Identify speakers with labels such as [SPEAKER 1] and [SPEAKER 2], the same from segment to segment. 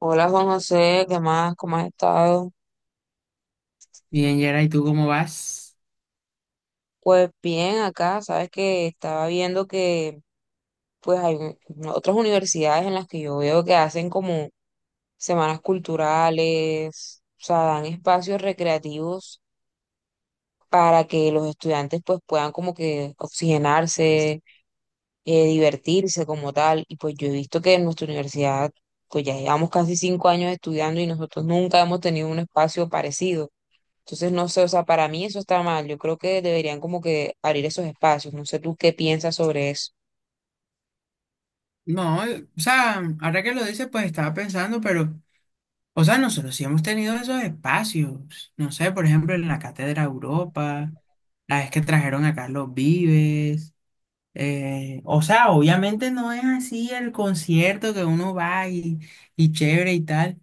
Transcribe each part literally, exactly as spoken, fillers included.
[SPEAKER 1] Hola Juan José, ¿qué más? ¿Cómo has estado?
[SPEAKER 2] Bien, Yera, ¿y tú cómo vas?
[SPEAKER 1] Pues bien, acá, sabes que estaba viendo que pues hay un- otras universidades en las que yo veo que hacen como semanas culturales, o sea, dan espacios recreativos para que los estudiantes pues puedan como que oxigenarse, eh, divertirse como tal. Y pues yo he visto que en nuestra universidad pues ya llevamos casi cinco años estudiando y nosotros nunca hemos tenido un espacio parecido. Entonces, no sé, o sea, para mí eso está mal. Yo creo que deberían como que abrir esos espacios. No sé tú qué piensas sobre eso.
[SPEAKER 2] No, eh, o sea, ahora que lo dices, pues estaba pensando, pero, o sea, nosotros sí hemos tenido esos espacios. No sé, por ejemplo, en la Cátedra Europa, la vez que trajeron a Carlos Vives. Eh, o sea, obviamente no es así el concierto que uno va y, y chévere y tal,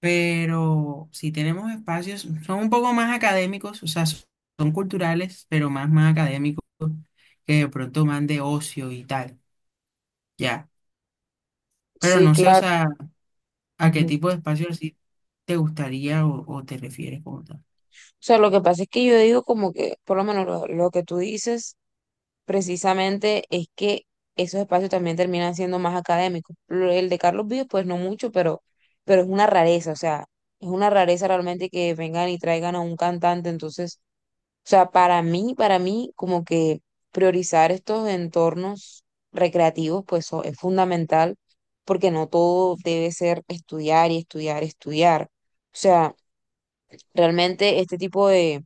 [SPEAKER 2] pero sí tenemos espacios, son un poco más académicos, o sea, son son culturales, pero más, más académicos, que de pronto más de ocio y tal. Ya. Pero
[SPEAKER 1] Sí,
[SPEAKER 2] no sé, o
[SPEAKER 1] claro.
[SPEAKER 2] sea, a qué
[SPEAKER 1] Ujú. O
[SPEAKER 2] tipo de espacio así te gustaría o, o te refieres como tal.
[SPEAKER 1] sea, lo que pasa es que yo digo como que, por lo menos lo, lo que tú dices precisamente es que esos espacios también terminan siendo más académicos. Lo- El de Carlos Vives, pues no mucho, pero, pero es una rareza, o sea, es una rareza realmente que vengan y traigan a un cantante. Entonces, o sea, para mí, para mí, como que priorizar estos entornos recreativos, pues so- es fundamental, porque no todo debe ser estudiar y estudiar, estudiar. O sea, realmente este tipo de,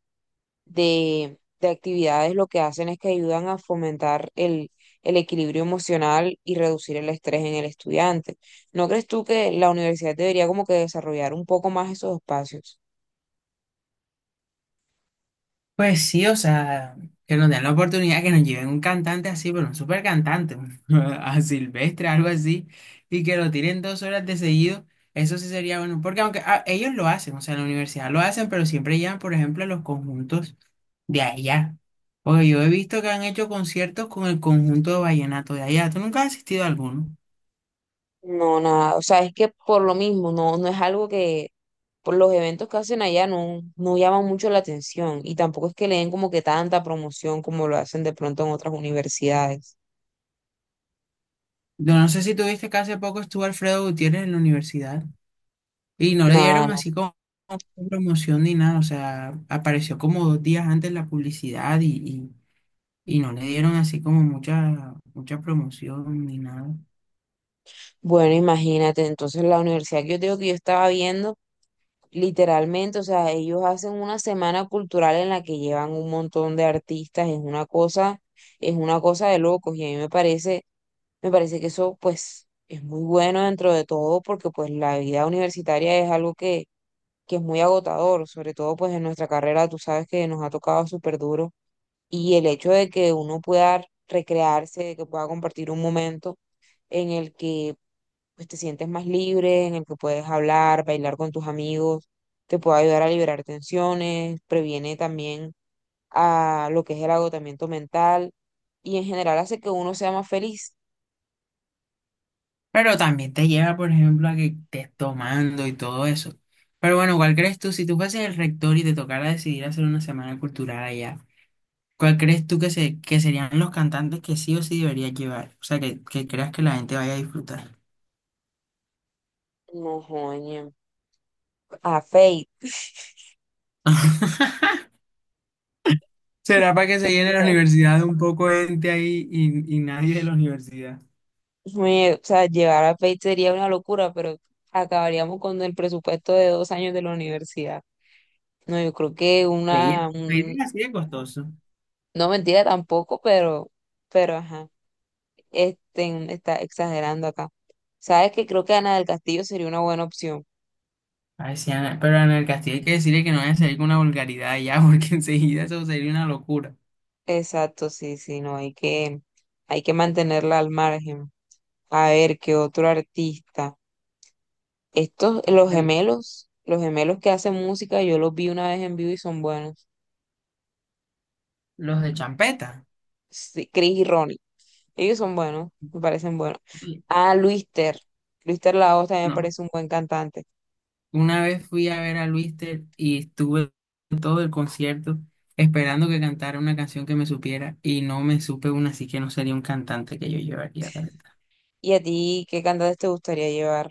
[SPEAKER 1] de, de actividades lo que hacen es que ayudan a fomentar el, el equilibrio emocional y reducir el estrés en el estudiante. ¿No crees tú que la universidad debería como que desarrollar un poco más esos espacios?
[SPEAKER 2] Pues sí, o sea, que nos den la oportunidad, que nos lleven un cantante así, pero un super cantante, a Silvestre, algo así, y que lo tiren dos horas de seguido, eso sí sería bueno, porque aunque ah, ellos lo hacen, o sea, en la universidad lo hacen, pero siempre llevan, por ejemplo, los conjuntos de allá. Porque yo he visto que han hecho conciertos con el conjunto de vallenato de allá. ¿Tú nunca has asistido a alguno?
[SPEAKER 1] No, nada, o sea, es que por lo mismo, no, no es algo que por los eventos que hacen allá no, no llaman mucho la atención y tampoco es que le den como que tanta promoción como lo hacen de pronto en otras universidades.
[SPEAKER 2] Yo no sé si tuviste que hace poco estuvo Alfredo Gutiérrez en la universidad y no le
[SPEAKER 1] Nada,
[SPEAKER 2] dieron
[SPEAKER 1] no.
[SPEAKER 2] así como promoción ni nada, o sea, apareció como dos días antes la publicidad y, y, y no le dieron así como mucha, mucha promoción ni nada.
[SPEAKER 1] Bueno, imagínate, entonces la universidad que yo te digo que yo estaba viendo, literalmente, o sea, ellos hacen una semana cultural en la que llevan un montón de artistas, es una cosa, es una cosa de locos y a mí me parece Me parece que eso pues es muy bueno dentro de todo porque pues la vida universitaria es algo que, que es muy agotador, sobre todo pues en nuestra carrera tú sabes que nos ha tocado súper duro y el hecho de que uno pueda recrearse, de que pueda compartir un momento en el que pues te sientes más libre, en el que puedes hablar, bailar con tus amigos, te puede ayudar a liberar tensiones, previene también a lo que es el agotamiento mental y en general hace que uno sea más feliz.
[SPEAKER 2] Pero también te lleva, por ejemplo, a que estés tomando y todo eso. Pero bueno, ¿cuál crees tú? Si tú fueses el rector y te tocara decidir hacer una semana cultural allá, ¿cuál crees tú que, se, que serían los cantantes que sí o sí deberías llevar? O sea, que, que creas que la gente vaya a disfrutar.
[SPEAKER 1] No, joña, a Fate.
[SPEAKER 2] ¿Será para que se llene la universidad un poco de gente ahí y, y nadie de la universidad?
[SPEAKER 1] Me- o sea, llevar a Fate sería una locura, pero acabaríamos con el presupuesto de dos años de la universidad. No, yo creo que
[SPEAKER 2] Pedir,
[SPEAKER 1] una,
[SPEAKER 2] pedir
[SPEAKER 1] un-
[SPEAKER 2] es así de costoso.
[SPEAKER 1] no, mentira tampoco, pero, pero ajá, este, está exagerando acá. Sabes que creo que Ana del Castillo sería una buena opción.
[SPEAKER 2] Ay, sí, Ana, pero en el Castillo hay que decirle que no vaya a salir con una vulgaridad ya, porque enseguida eso sería una locura.
[SPEAKER 1] Exacto, sí, sí, no, hay que, hay que mantenerla al margen. A ver, qué otro artista. Estos, los
[SPEAKER 2] Vale.
[SPEAKER 1] gemelos, los gemelos que hacen música, yo los vi una vez en vivo y son buenos.
[SPEAKER 2] Los de champeta.
[SPEAKER 1] Sí, Chris y Ronnie. Ellos son buenos, me parecen buenos.
[SPEAKER 2] Oye.
[SPEAKER 1] Ah, Luis Ter. Luis Ter Laos también me
[SPEAKER 2] No,
[SPEAKER 1] parece un buen cantante.
[SPEAKER 2] una vez fui a ver a Luister y estuve todo el concierto esperando que cantara una canción que me supiera y no me supe una, así que no sería un cantante que yo llevaría, la verdad.
[SPEAKER 1] ¿Y a ti qué cantantes te gustaría llevar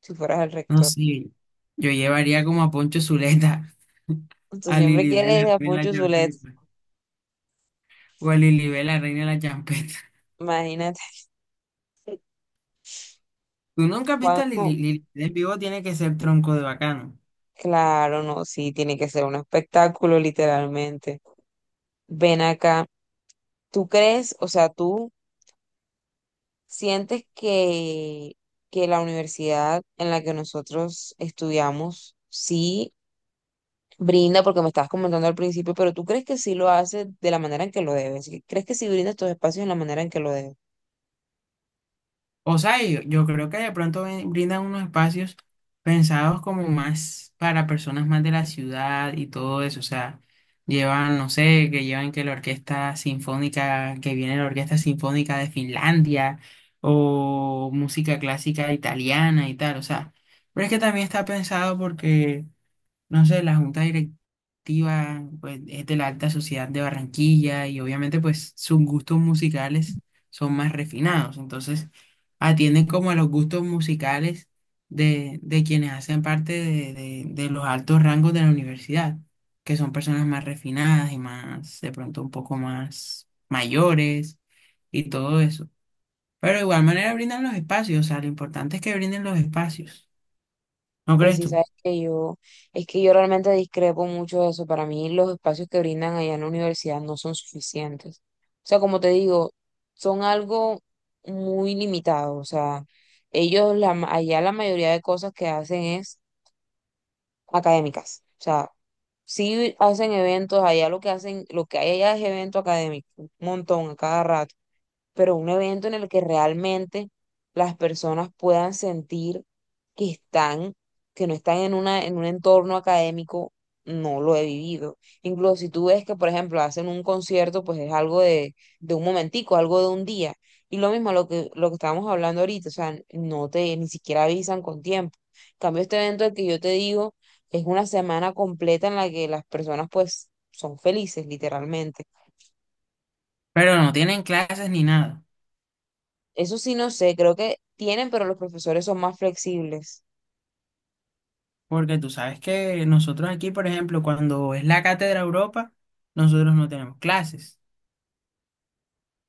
[SPEAKER 1] si fueras el
[SPEAKER 2] No
[SPEAKER 1] rector?
[SPEAKER 2] sé, yo llevaría como a Poncho Zuleta,
[SPEAKER 1] Tú
[SPEAKER 2] a
[SPEAKER 1] siempre
[SPEAKER 2] Lilibet,
[SPEAKER 1] quieres
[SPEAKER 2] la
[SPEAKER 1] a
[SPEAKER 2] reina de la
[SPEAKER 1] Poncho Zulet.
[SPEAKER 2] champeta, o a Lilibet, la reina de la champeta.
[SPEAKER 1] Imagínate,
[SPEAKER 2] ¿Tú nunca has visto a Lili?
[SPEAKER 1] Juanjo.
[SPEAKER 2] Lilibet en vivo? Tiene que ser tronco de bacano.
[SPEAKER 1] Claro, no, sí, tiene que ser un espectáculo, literalmente. Ven acá. ¿Tú crees, o sea, tú sientes que, que la universidad en la que nosotros estudiamos sí brinda, porque me estabas comentando al principio, pero tú crees que sí lo hace de la manera en que lo debe? ¿Sí? ¿Crees que sí brinda estos espacios en la manera en que lo debe?
[SPEAKER 2] O sea, yo, yo creo que de pronto ven- brindan unos espacios pensados como más para personas más de la ciudad y todo eso. O sea, llevan, no sé, que llevan que la orquesta sinfónica, que viene la orquesta sinfónica de Finlandia o música clásica italiana y tal. O sea, pero es que también está pensado porque no sé, la junta directiva pues, es de la alta sociedad de Barranquilla y obviamente pues sus gustos musicales son más refinados, entonces atienden como a los gustos musicales de, de quienes hacen parte de, de- de los altos rangos de la universidad, que son personas más refinadas y más, de pronto un poco más mayores y todo eso. Pero de igual manera brindan los espacios, o sea, lo importante es que brinden los espacios, ¿no
[SPEAKER 1] Pues
[SPEAKER 2] crees
[SPEAKER 1] sí,
[SPEAKER 2] tú?
[SPEAKER 1] sabes que yo, es que yo realmente discrepo mucho de eso. Para mí los espacios que brindan allá en la universidad no son suficientes. O sea, como te digo, son algo muy limitado. O sea, ellos la, ma- allá la mayoría de cosas que hacen es académicas. O sea, sí hacen eventos, allá lo que hacen, lo que hay allá es evento académico, un montón a cada rato, pero un evento en el que realmente las personas puedan sentir que están, que no están en una, en un entorno académico, no lo he vivido. Incluso si tú ves que, por ejemplo, hacen un concierto, pues es algo de, de un momentico, algo de un día. Y lo mismo lo que, lo que estábamos hablando ahorita, o sea, no te, ni siquiera avisan con tiempo. En cambio, este evento del que yo te digo es una semana completa en la que las personas, pues, son felices, literalmente.
[SPEAKER 2] Pero no tienen clases ni nada.
[SPEAKER 1] Eso sí no sé, creo que tienen, pero los profesores son más flexibles.
[SPEAKER 2] Porque tú sabes que nosotros aquí, por ejemplo, cuando es la Cátedra Europa, nosotros no tenemos clases.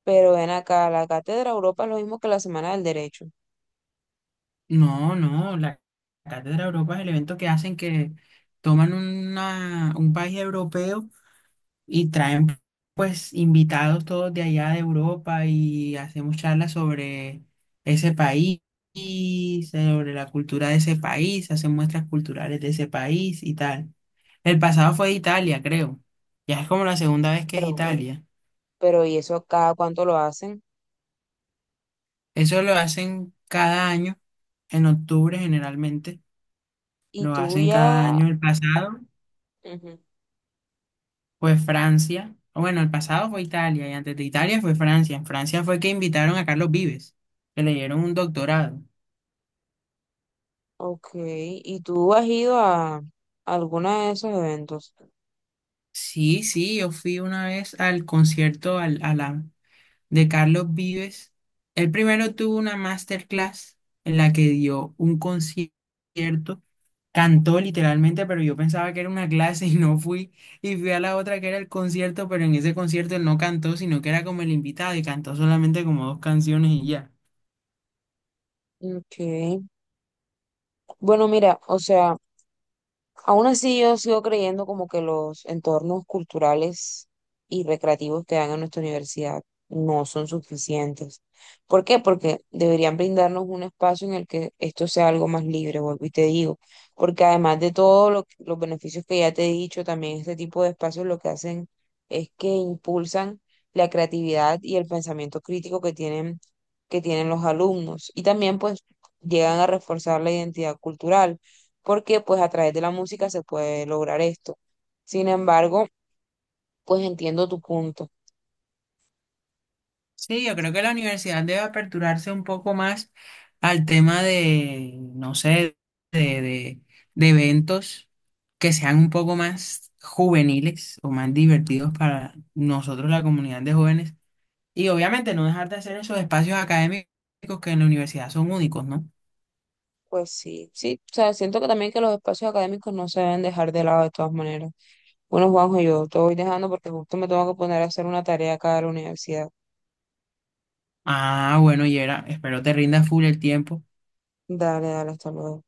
[SPEAKER 1] Pero ven acá, la Cátedra Europa es lo mismo que la Semana del Derecho.
[SPEAKER 2] No, no, la Cátedra Europa es el evento que hacen que toman una, un país europeo y traen pues invitados todos de allá de Europa y hacemos charlas sobre ese país y sobre la cultura de ese país, hacen muestras culturales de ese país y tal. El pasado fue Italia, creo. Ya es como la segunda vez que es
[SPEAKER 1] Pero,
[SPEAKER 2] Italia.
[SPEAKER 1] pero ¿y eso cada cuánto lo hacen?
[SPEAKER 2] Eso lo hacen cada año, en octubre generalmente,
[SPEAKER 1] Y
[SPEAKER 2] lo
[SPEAKER 1] tú
[SPEAKER 2] hacen cada
[SPEAKER 1] ya...
[SPEAKER 2] año. El pasado
[SPEAKER 1] Ujú.
[SPEAKER 2] fue Francia, o bueno, el pasado fue Italia y antes de Italia fue Francia. En Francia fue que invitaron a Carlos Vives, que le dieron un doctorado.
[SPEAKER 1] Ok, ¿y tú has ido a alguno de esos eventos?
[SPEAKER 2] Sí, sí, yo fui una vez al concierto, al, a la, de Carlos Vives. Él primero tuvo una masterclass en la que dio un concierto, cantó literalmente, pero yo pensaba que era una clase y no fui. Y fui a la otra que era el concierto, pero en ese concierto él no cantó, sino que era como el invitado y cantó solamente como dos canciones y ya.
[SPEAKER 1] Ok. Bueno, mira, o sea... Aún así, yo sigo creyendo como que los entornos culturales y recreativos que dan a nuestra universidad no son suficientes. ¿Por qué? Porque deberían brindarnos un espacio en el que esto sea algo más libre, vuelvo y te digo, porque además de todos lo- los beneficios que ya te he dicho, también este tipo de espacios lo que hacen es que impulsan la creatividad y el pensamiento crítico que tienen, que tienen los alumnos y también pues llegan a reforzar la identidad cultural porque pues a través de la música se puede lograr esto. Sin embargo, pues entiendo tu punto.
[SPEAKER 2] Sí, yo creo que la universidad debe aperturarse un poco más al tema de, no sé, de, de, de eventos que sean un poco más juveniles o más divertidos para nosotros, la comunidad de jóvenes. Y obviamente no dejar de hacer esos espacios académicos que en la universidad son únicos, ¿no?
[SPEAKER 1] Pues sí, sí, o sea, siento que también que los espacios académicos no se deben dejar de lado de todas maneras. Bueno, Juanjo, yo te voy dejando porque justo me tengo que poner a hacer una tarea acá de la universidad.
[SPEAKER 2] Ah, bueno, Yera, espero te rinda full el tiempo.
[SPEAKER 1] Dale, dale, hasta luego.